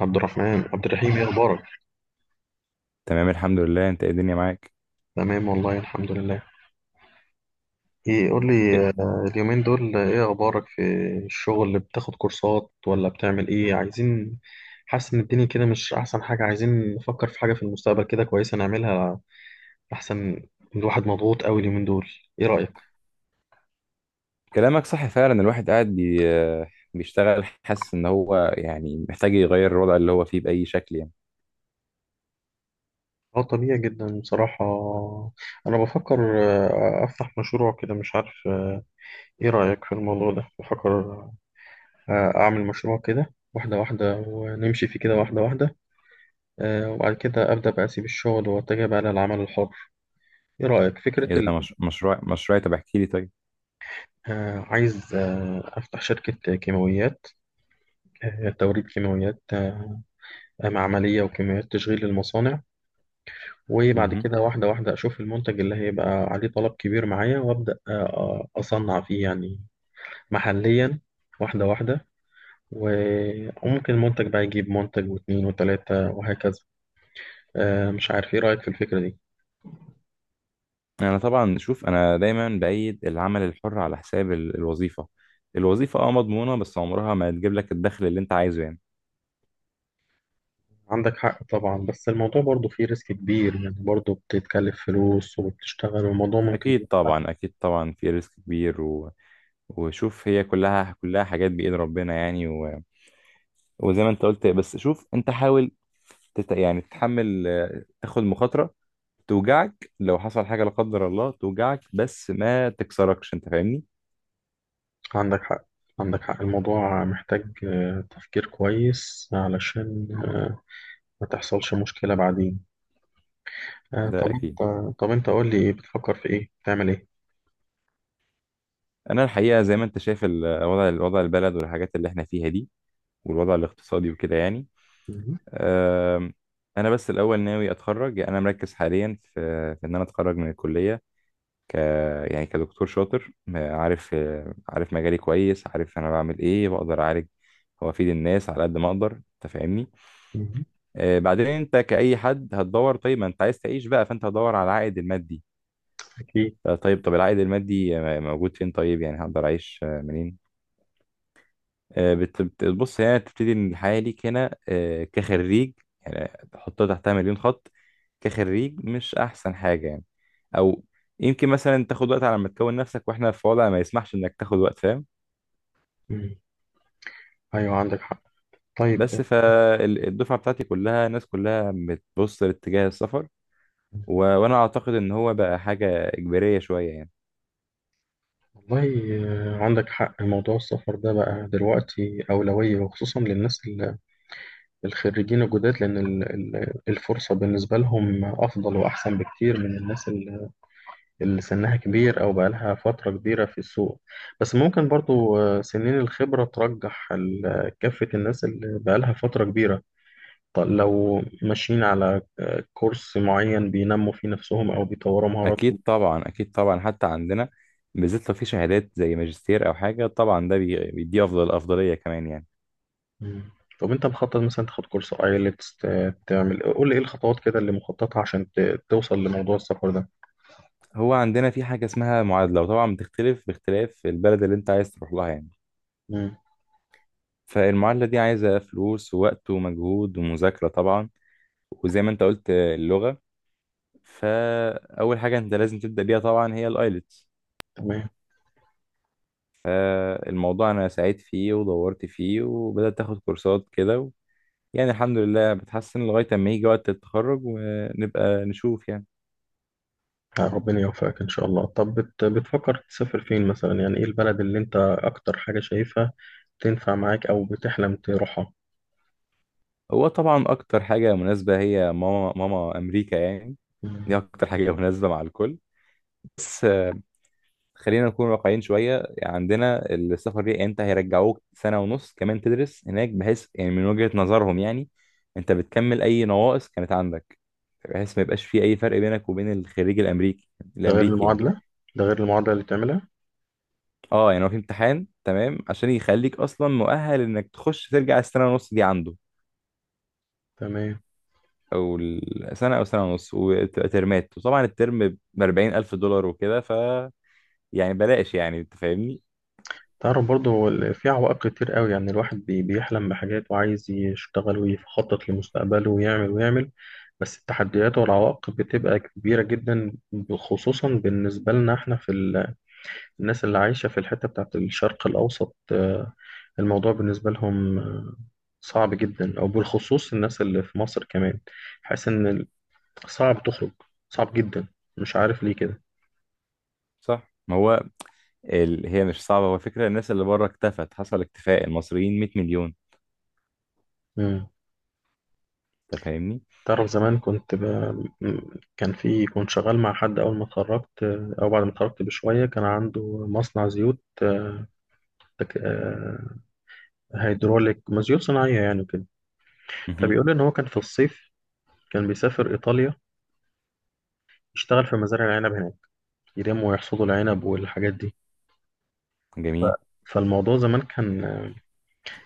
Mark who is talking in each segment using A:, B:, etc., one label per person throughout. A: عبد الرحمن عبد الرحيم، ايه اخبارك؟
B: تمام، الحمد لله. انت ايه الدنيا معاك؟
A: تمام والله الحمد لله. ايه قول لي
B: إيه،
A: اليومين دول ايه اخبارك في الشغل؟ بتاخد كورسات ولا بتعمل ايه؟ عايزين، حاسس ان الدنيا كده مش احسن حاجة، عايزين نفكر في حاجة في المستقبل كده كويسة نعملها احسن. الواحد مضغوط قوي اليومين دول، ايه رأيك؟
B: كلامك صح فعلا. الواحد قاعد بيشتغل، حاسس ان هو يعني محتاج يغير الوضع اللي هو فيه باي شكل يعني.
A: اه طبيعي جدا بصراحة. انا بفكر افتح مشروع كده، مش عارف ايه رأيك في الموضوع ده؟ بفكر اعمل مشروع كده واحدة واحدة ونمشي فيه كده واحدة واحدة، وبعد كده أبدأ بقى أسيب الشغل وأتجه بقى للعمل الحر. إيه رأيك؟
B: اذا مش... مشروع مشروع، طب احكي لي طيب.
A: عايز أفتح شركة كيماويات، توريد كيماويات معملية وكيماويات تشغيل للمصانع. وبعد
B: مهم.
A: كده واحدة واحدة أشوف المنتج اللي هيبقى عليه طلب كبير معايا وأبدأ أصنع فيه يعني محليا، واحدة واحدة. و- وممكن المنتج بقى يجيب منتج واتنين وتلاتة وهكذا. مش عارف، إيه رأيك في الفكرة دي؟
B: انا طبعا شوف، انا دايما بايد العمل الحر على حساب الوظيفه. الوظيفه اه مضمونه، بس عمرها ما هتجيب لك الدخل اللي انت عايزه يعني.
A: عندك حق طبعا، بس الموضوع برضه فيه ريسك كبير يعني، برضه بتتكلف فلوس وبتشتغل والموضوع ممكن
B: اكيد
A: يبقى.
B: طبعا، اكيد طبعا في ريسك كبير و... وشوف، هي كلها حاجات بايد ربنا يعني. وزي ما انت قلت، بس شوف انت حاول يعني تتحمل، تاخد مخاطرة توجعك لو حصل حاجة لا قدر الله، توجعك بس ما تكسركش، انت فاهمني؟
A: عندك حق عندك حق. الموضوع محتاج تفكير كويس علشان ما تحصلش مشكلة بعدين. آه،
B: ده
A: طب انت
B: اكيد.
A: طب انت قول لي، ايه بتفكر في ايه؟ بتعمل ايه؟
B: انا الحقيقة زي ما انت شايف الوضع، البلد والحاجات اللي احنا فيها دي، والوضع الاقتصادي وكده يعني.
A: مهم.
B: آم، انا بس الاول ناوي اتخرج. يعني انا مركز حاليا في في ان انا اتخرج من الكلية ك، يعني كدكتور شاطر، عارف، عارف مجالي كويس، عارف انا بعمل ايه، بقدر اعالج وافيد الناس على قد ما اقدر، انت فاهمني؟
A: مهم.
B: بعدين انت كأي حد هتدور. طيب، ما انت عايز تعيش بقى، فانت هتدور على العائد المادي.
A: اكيد.
B: طيب، طب العائد المادي موجود فين؟ طيب، يعني هقدر اعيش منين؟ آه، بص، هي تبتدي ان الحياه ليك هنا، كخريج، يعني تحطها تحتها مليون خط، كخريج مش احسن حاجه يعني. او يمكن مثلا تاخد وقت على ما تكون نفسك، واحنا في وضع ما يسمحش انك تاخد وقت، فاهم؟
A: مم. ايوه عندك حق.
B: بس
A: طيب.
B: فالدفعه بتاعتي كلها، الناس كلها بتبص لاتجاه السفر، و... وانا اعتقد ان هو بقى حاجه اجباريه شويه يعني.
A: والله عندك حق، موضوع السفر ده بقى دلوقتي أولوية، وخصوصا للناس الخريجين الجداد، لأن الفرصة بالنسبة لهم أفضل وأحسن بكتير من الناس اللي سنها كبير أو بقالها فترة كبيرة في السوق. بس ممكن برضو سنين الخبرة ترجح كافة الناس اللي بقالها فترة كبيرة، لو ماشيين على كورس معين بينموا فيه نفسهم أو بيطوروا
B: اكيد
A: مهاراتهم.
B: طبعا، اكيد طبعا حتى عندنا، بالذات لو في شهادات زي ماجستير او حاجه، طبعا ده بيديه افضليه كمان يعني.
A: مم. طب أنت مخطط مثلا تاخد كورس آيلتس؟ تعمل، قول لي إيه الخطوات كده اللي مخططها عشان توصل لموضوع السفر ده؟
B: هو عندنا في حاجة اسمها معادلة، وطبعا بتختلف باختلاف البلد اللي انت عايز تروح لها يعني.
A: مم.
B: فالمعادلة دي عايزة فلوس ووقت ومجهود ومذاكرة طبعا، وزي ما انت قلت اللغة. فأول حاجة انت لازم تبدأ بيها طبعا هي الآيلتس.
A: تمام.
B: فالموضوع أنا سعيت فيه ودورت فيه وبدأت أخد كورسات كده و... يعني الحمد لله بتحسن لغاية أما يجي وقت التخرج ونبقى نشوف يعني.
A: ربنا يوفقك إن شاء الله. طب بتفكر تسافر فين مثلا؟ يعني إيه البلد اللي أنت أكتر حاجة شايفها تنفع معاك أو بتحلم تروحها؟
B: هو طبعا أكتر حاجة مناسبة هي ماما أمريكا يعني.
A: مم.
B: دي أكتر حاجة مناسبة مع الكل. بس خلينا نكون واقعيين شوية. يعني عندنا السفر دي، انت هيرجعوك سنة ونص كمان تدرس هناك، بحيث يعني من وجهة نظرهم يعني انت بتكمل اي نواقص كانت عندك، بحيث ما يبقاش في اي فرق بينك وبين الخريج الامريكي
A: ده غير
B: الامريكي يعني.
A: المعادلة ده غير المعادلة اللي تعملها.
B: اه يعني هو في امتحان تمام عشان يخليك اصلا مؤهل انك تخش ترجع السنة ونص دي عنده،
A: تمام.
B: او السنة او سنة ونص، وتبقى ترمات، وطبعا الترم ب 40,000 دولار وكده، ف يعني بلاش يعني، انت فاهمني؟
A: تعرف برضه، هو في عوائق كتير قوي يعني، الواحد بيحلم بحاجات وعايز يشتغل ويخطط لمستقبله ويعمل ويعمل، بس التحديات والعوائق بتبقى كبيرة جدا، خصوصا بالنسبة لنا احنا في الناس اللي عايشة في الحتة بتاعت الشرق الأوسط. الموضوع بالنسبة لهم صعب جدا، أو بالخصوص الناس اللي في مصر كمان. حاسس إن صعب تخرج، صعب جدا، مش عارف ليه كده.
B: صح، ما هو هي مش صعبة. هو فكرة الناس اللي بره اكتفت، حصل اكتفاء. المصريين 100 مليون،
A: مم.
B: انت فاهمني؟
A: تعرف زمان كان في، كنت شغال مع حد أول ما اتخرجت أو بعد ما اتخرجت بشوية، كان عنده مصنع زيوت تك- آه، هيدروليك، ما زيوت صناعية يعني وكده.
B: مهم.
A: فبيقول لي إن هو كان في الصيف كان بيسافر إيطاليا، يشتغل في مزارع العنب هناك، يرموا ويحصدوا العنب والحاجات دي. ف-
B: جميل.
A: فالموضوع زمان كان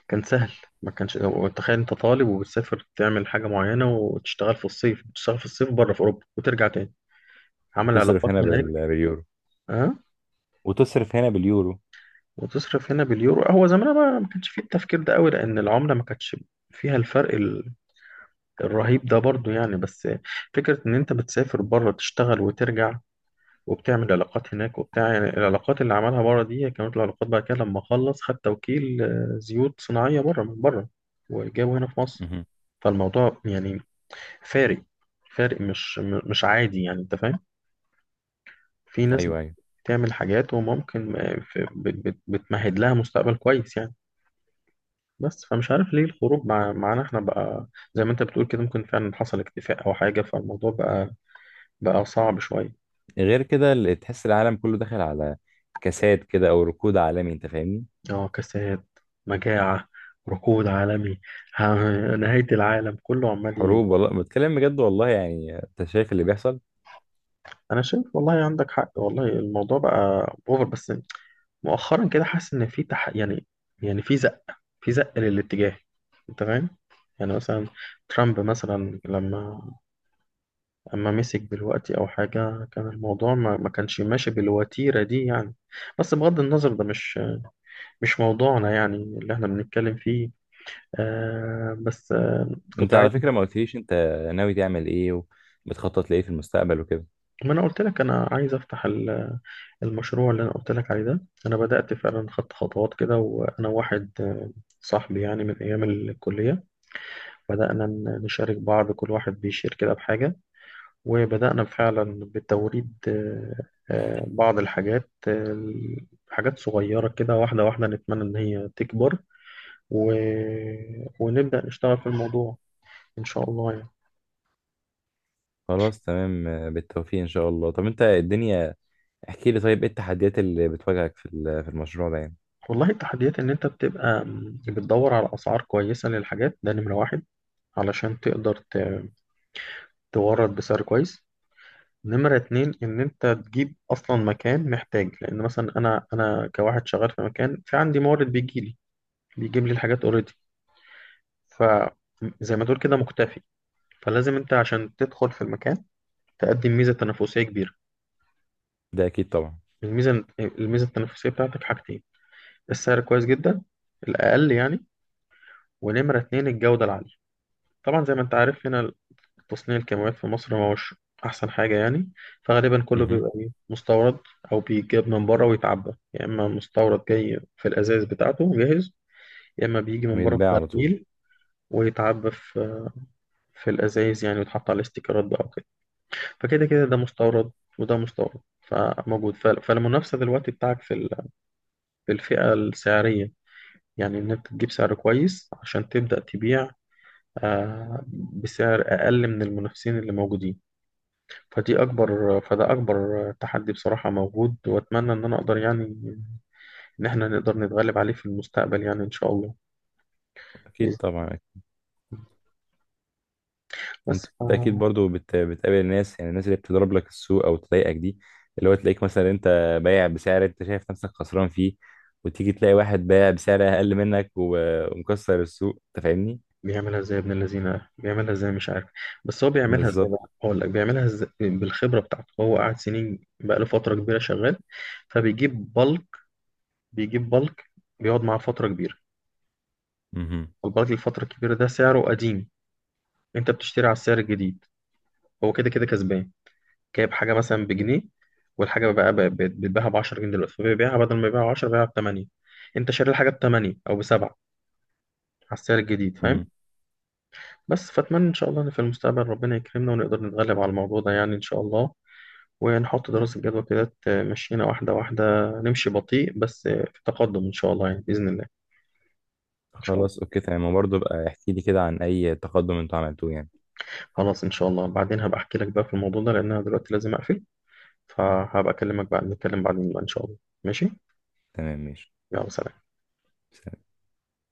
A: كان سهل. ما كانش، تخيل انت طالب وبتسافر تعمل حاجة معينة وتشتغل في الصيف، بتشتغل في الصيف بره في أوروبا وترجع تاني، عمل
B: وتصرف
A: علاقات
B: هنا
A: هناك.
B: باليورو.
A: اه،
B: وتصرف هنا باليورو.
A: وتصرف هنا باليورو. هو زمان بقى ما كانش فيه التفكير ده قوي، لأن العملة ما كانتش فيها الفرق الرهيب ده برضو يعني. بس فكرة إن أنت بتسافر بره تشتغل وترجع، وبتعمل علاقات هناك وبتاع يعني، العلاقات اللي عملها بره دي كانت العلاقات بعد كده، لما خلص خد توكيل زيوت صناعية بره من بره وجابه هنا في مصر.
B: مهم.
A: فالموضوع يعني فارق، فارق مش عادي يعني، انت فاهم؟ في ناس
B: ايوه، ايوه.
A: بتعمل حاجات وممكن بتمهد لها مستقبل كويس يعني. بس فمش عارف ليه الخروج معانا احنا بقى، زي ما انت بتقول كده، ممكن فعلا حصل اكتفاء او حاجة، فالموضوع بقى بقى صعب شوية.
B: غير كده، اللي تحس العالم كله داخل على كساد كده او ركود عالمي، انت فاهمني؟
A: انعكاسات، مجاعة، ركود عالمي، نهاية العالم كله عمال
B: حروب، والله بتكلم بجد، والله يعني انت شايف اللي بيحصل؟
A: أنا شايف والله، عندك حق والله، الموضوع بقى أوفر. بس مؤخرا كده حاسس إن في يعني يعني في زق للاتجاه، أنت فاهم؟ يعني مثلا ترامب مثلا لما أما مسك دلوقتي أو حاجة، كان الموضوع ما كانش ماشي بالوتيرة دي يعني. بس بغض النظر ده مش مش موضوعنا يعني اللي احنا بنتكلم فيه. آه بس آه كنت
B: انت
A: عايز.
B: على فكرة ما قلتليش انت ناوي تعمل ايه، وبتخطط لايه في المستقبل وكده.
A: ما انا قلت لك انا عايز افتح المشروع اللي انا قلت لك عليه ده. انا بدأت فعلا خدت خطوات كده، وانا واحد صاحبي يعني من ايام الكلية، بدأنا نشارك بعض، كل واحد بيشير كده بحاجة. وبدأنا فعلا بتوريد بعض الحاجات حاجات صغيرة كده واحدة واحدة، نتمنى ان هي تكبر، و... ونبدأ نشتغل في الموضوع ان شاء الله يعني.
B: خلاص تمام، بالتوفيق ان شاء الله. طب انت الدنيا، احكي لي طيب، ايه التحديات اللي بتواجهك في في المشروع ده يعني؟
A: والله التحديات ان انت بتبقى بتدور على اسعار كويسة للحاجات، ده نمرة واحد، علشان تقدر تورد بسعر كويس. نمرة اتنين، إن أنت تجيب أصلا مكان محتاج، لأن مثلا أنا كواحد شغال في مكان، في عندي مورد بيجيلي بيجيب لي الحاجات أوريدي، فزي ما تقول كده مكتفي. فلازم أنت عشان تدخل في المكان تقدم ميزة تنافسية كبيرة.
B: ده اكيد طبعا.
A: الميزة التنافسية بتاعتك حاجتين، السعر كويس جدا، الأقل يعني، ونمرة اتنين الجودة العالية. طبعا زي ما أنت عارف هنا تصنيع الكاميرات في مصر ما هوش أحسن حاجة يعني، فغالبا كله
B: مهم.
A: بيبقى إيه مستورد، أو بيجاب من بره ويتعبى، يا إما مستورد جاي في الأزايز بتاعته جاهز، يا إما بيجي من بره في
B: بيتباع على طول.
A: برميل ويتعبى في في الأزايز يعني، ويتحط على الاستيكرات بقى وكده. فكده كده ده مستورد وده مستورد فموجود، فالمنافسة دلوقتي بتاعك في في الفئة السعرية يعني، إن أنت تجيب سعر كويس عشان تبدأ تبيع آه، بسعر أقل من المنافسين اللي موجودين. فدي أكبر فده أكبر تحدي بصراحة موجود، وأتمنى إن أنا أقدر يعني، إن إحنا نقدر نتغلب عليه في المستقبل يعني إن شاء الله، بإذن
B: اكيد
A: الله.
B: طبعا. انت
A: بس ف...
B: اكيد برضو بتقابل الناس، يعني الناس اللي بتضرب لك السوق او تضايقك دي، اللي هو تلاقيك مثلا انت بايع بسعر انت شايف نفسك خسران فيه، وتيجي تلاقي واحد بايع بسعر اقل منك و... ومكسر السوق، انت فاهمني؟
A: بيعملها إزاي ابن الذين؟ بيعملها إزاي مش عارف. بس هو بيعملها إزاي
B: بالظبط.
A: بقى؟ أقول لك بيعملها إزاي، بالخبرة بتاعته، هو قاعد سنين بقى له فترة كبيرة شغال. فبيجيب بالك بيجيب بالك بيقعد معاه فترة كبيرة،
B: مهم.
A: البالك الفترة الكبيرة ده سعره قديم، أنت بتشتري على السعر الجديد. هو كده كده كسبان، جايب حاجة مثلا بجنيه، والحاجة بقى بتباعها ب 10 جنيه دلوقتي، فبيبيعها بدل ما يبيعها ب 10، بيبيعها ب 8. انت شاري الحاجة ب 8 او ب 7 على السعر الجديد،
B: مم.
A: فاهم؟ بس فاتمنى ان شاء الله ان في المستقبل ربنا يكرمنا ونقدر نتغلب على الموضوع ده يعني ان شاء الله، ونحط دراسة جدوى كده تمشينا واحدة واحدة، نمشي بطيء بس في تقدم ان شاء الله يعني بإذن الله. ان شاء
B: خلاص،
A: الله.
B: اوكي تمام. وبرضه بقى احكي لي كده عن اي تقدم انتوا عملتوه يعني.
A: خلاص ان شاء الله، بعدين هبقى احكي لك بقى في الموضوع ده، لان انا دلوقتي لازم اقفل. فهبقى اكلمك بعد، نتكلم بعدين بقى ان شاء الله. ماشي.
B: تمام ماشي
A: يلا سلام.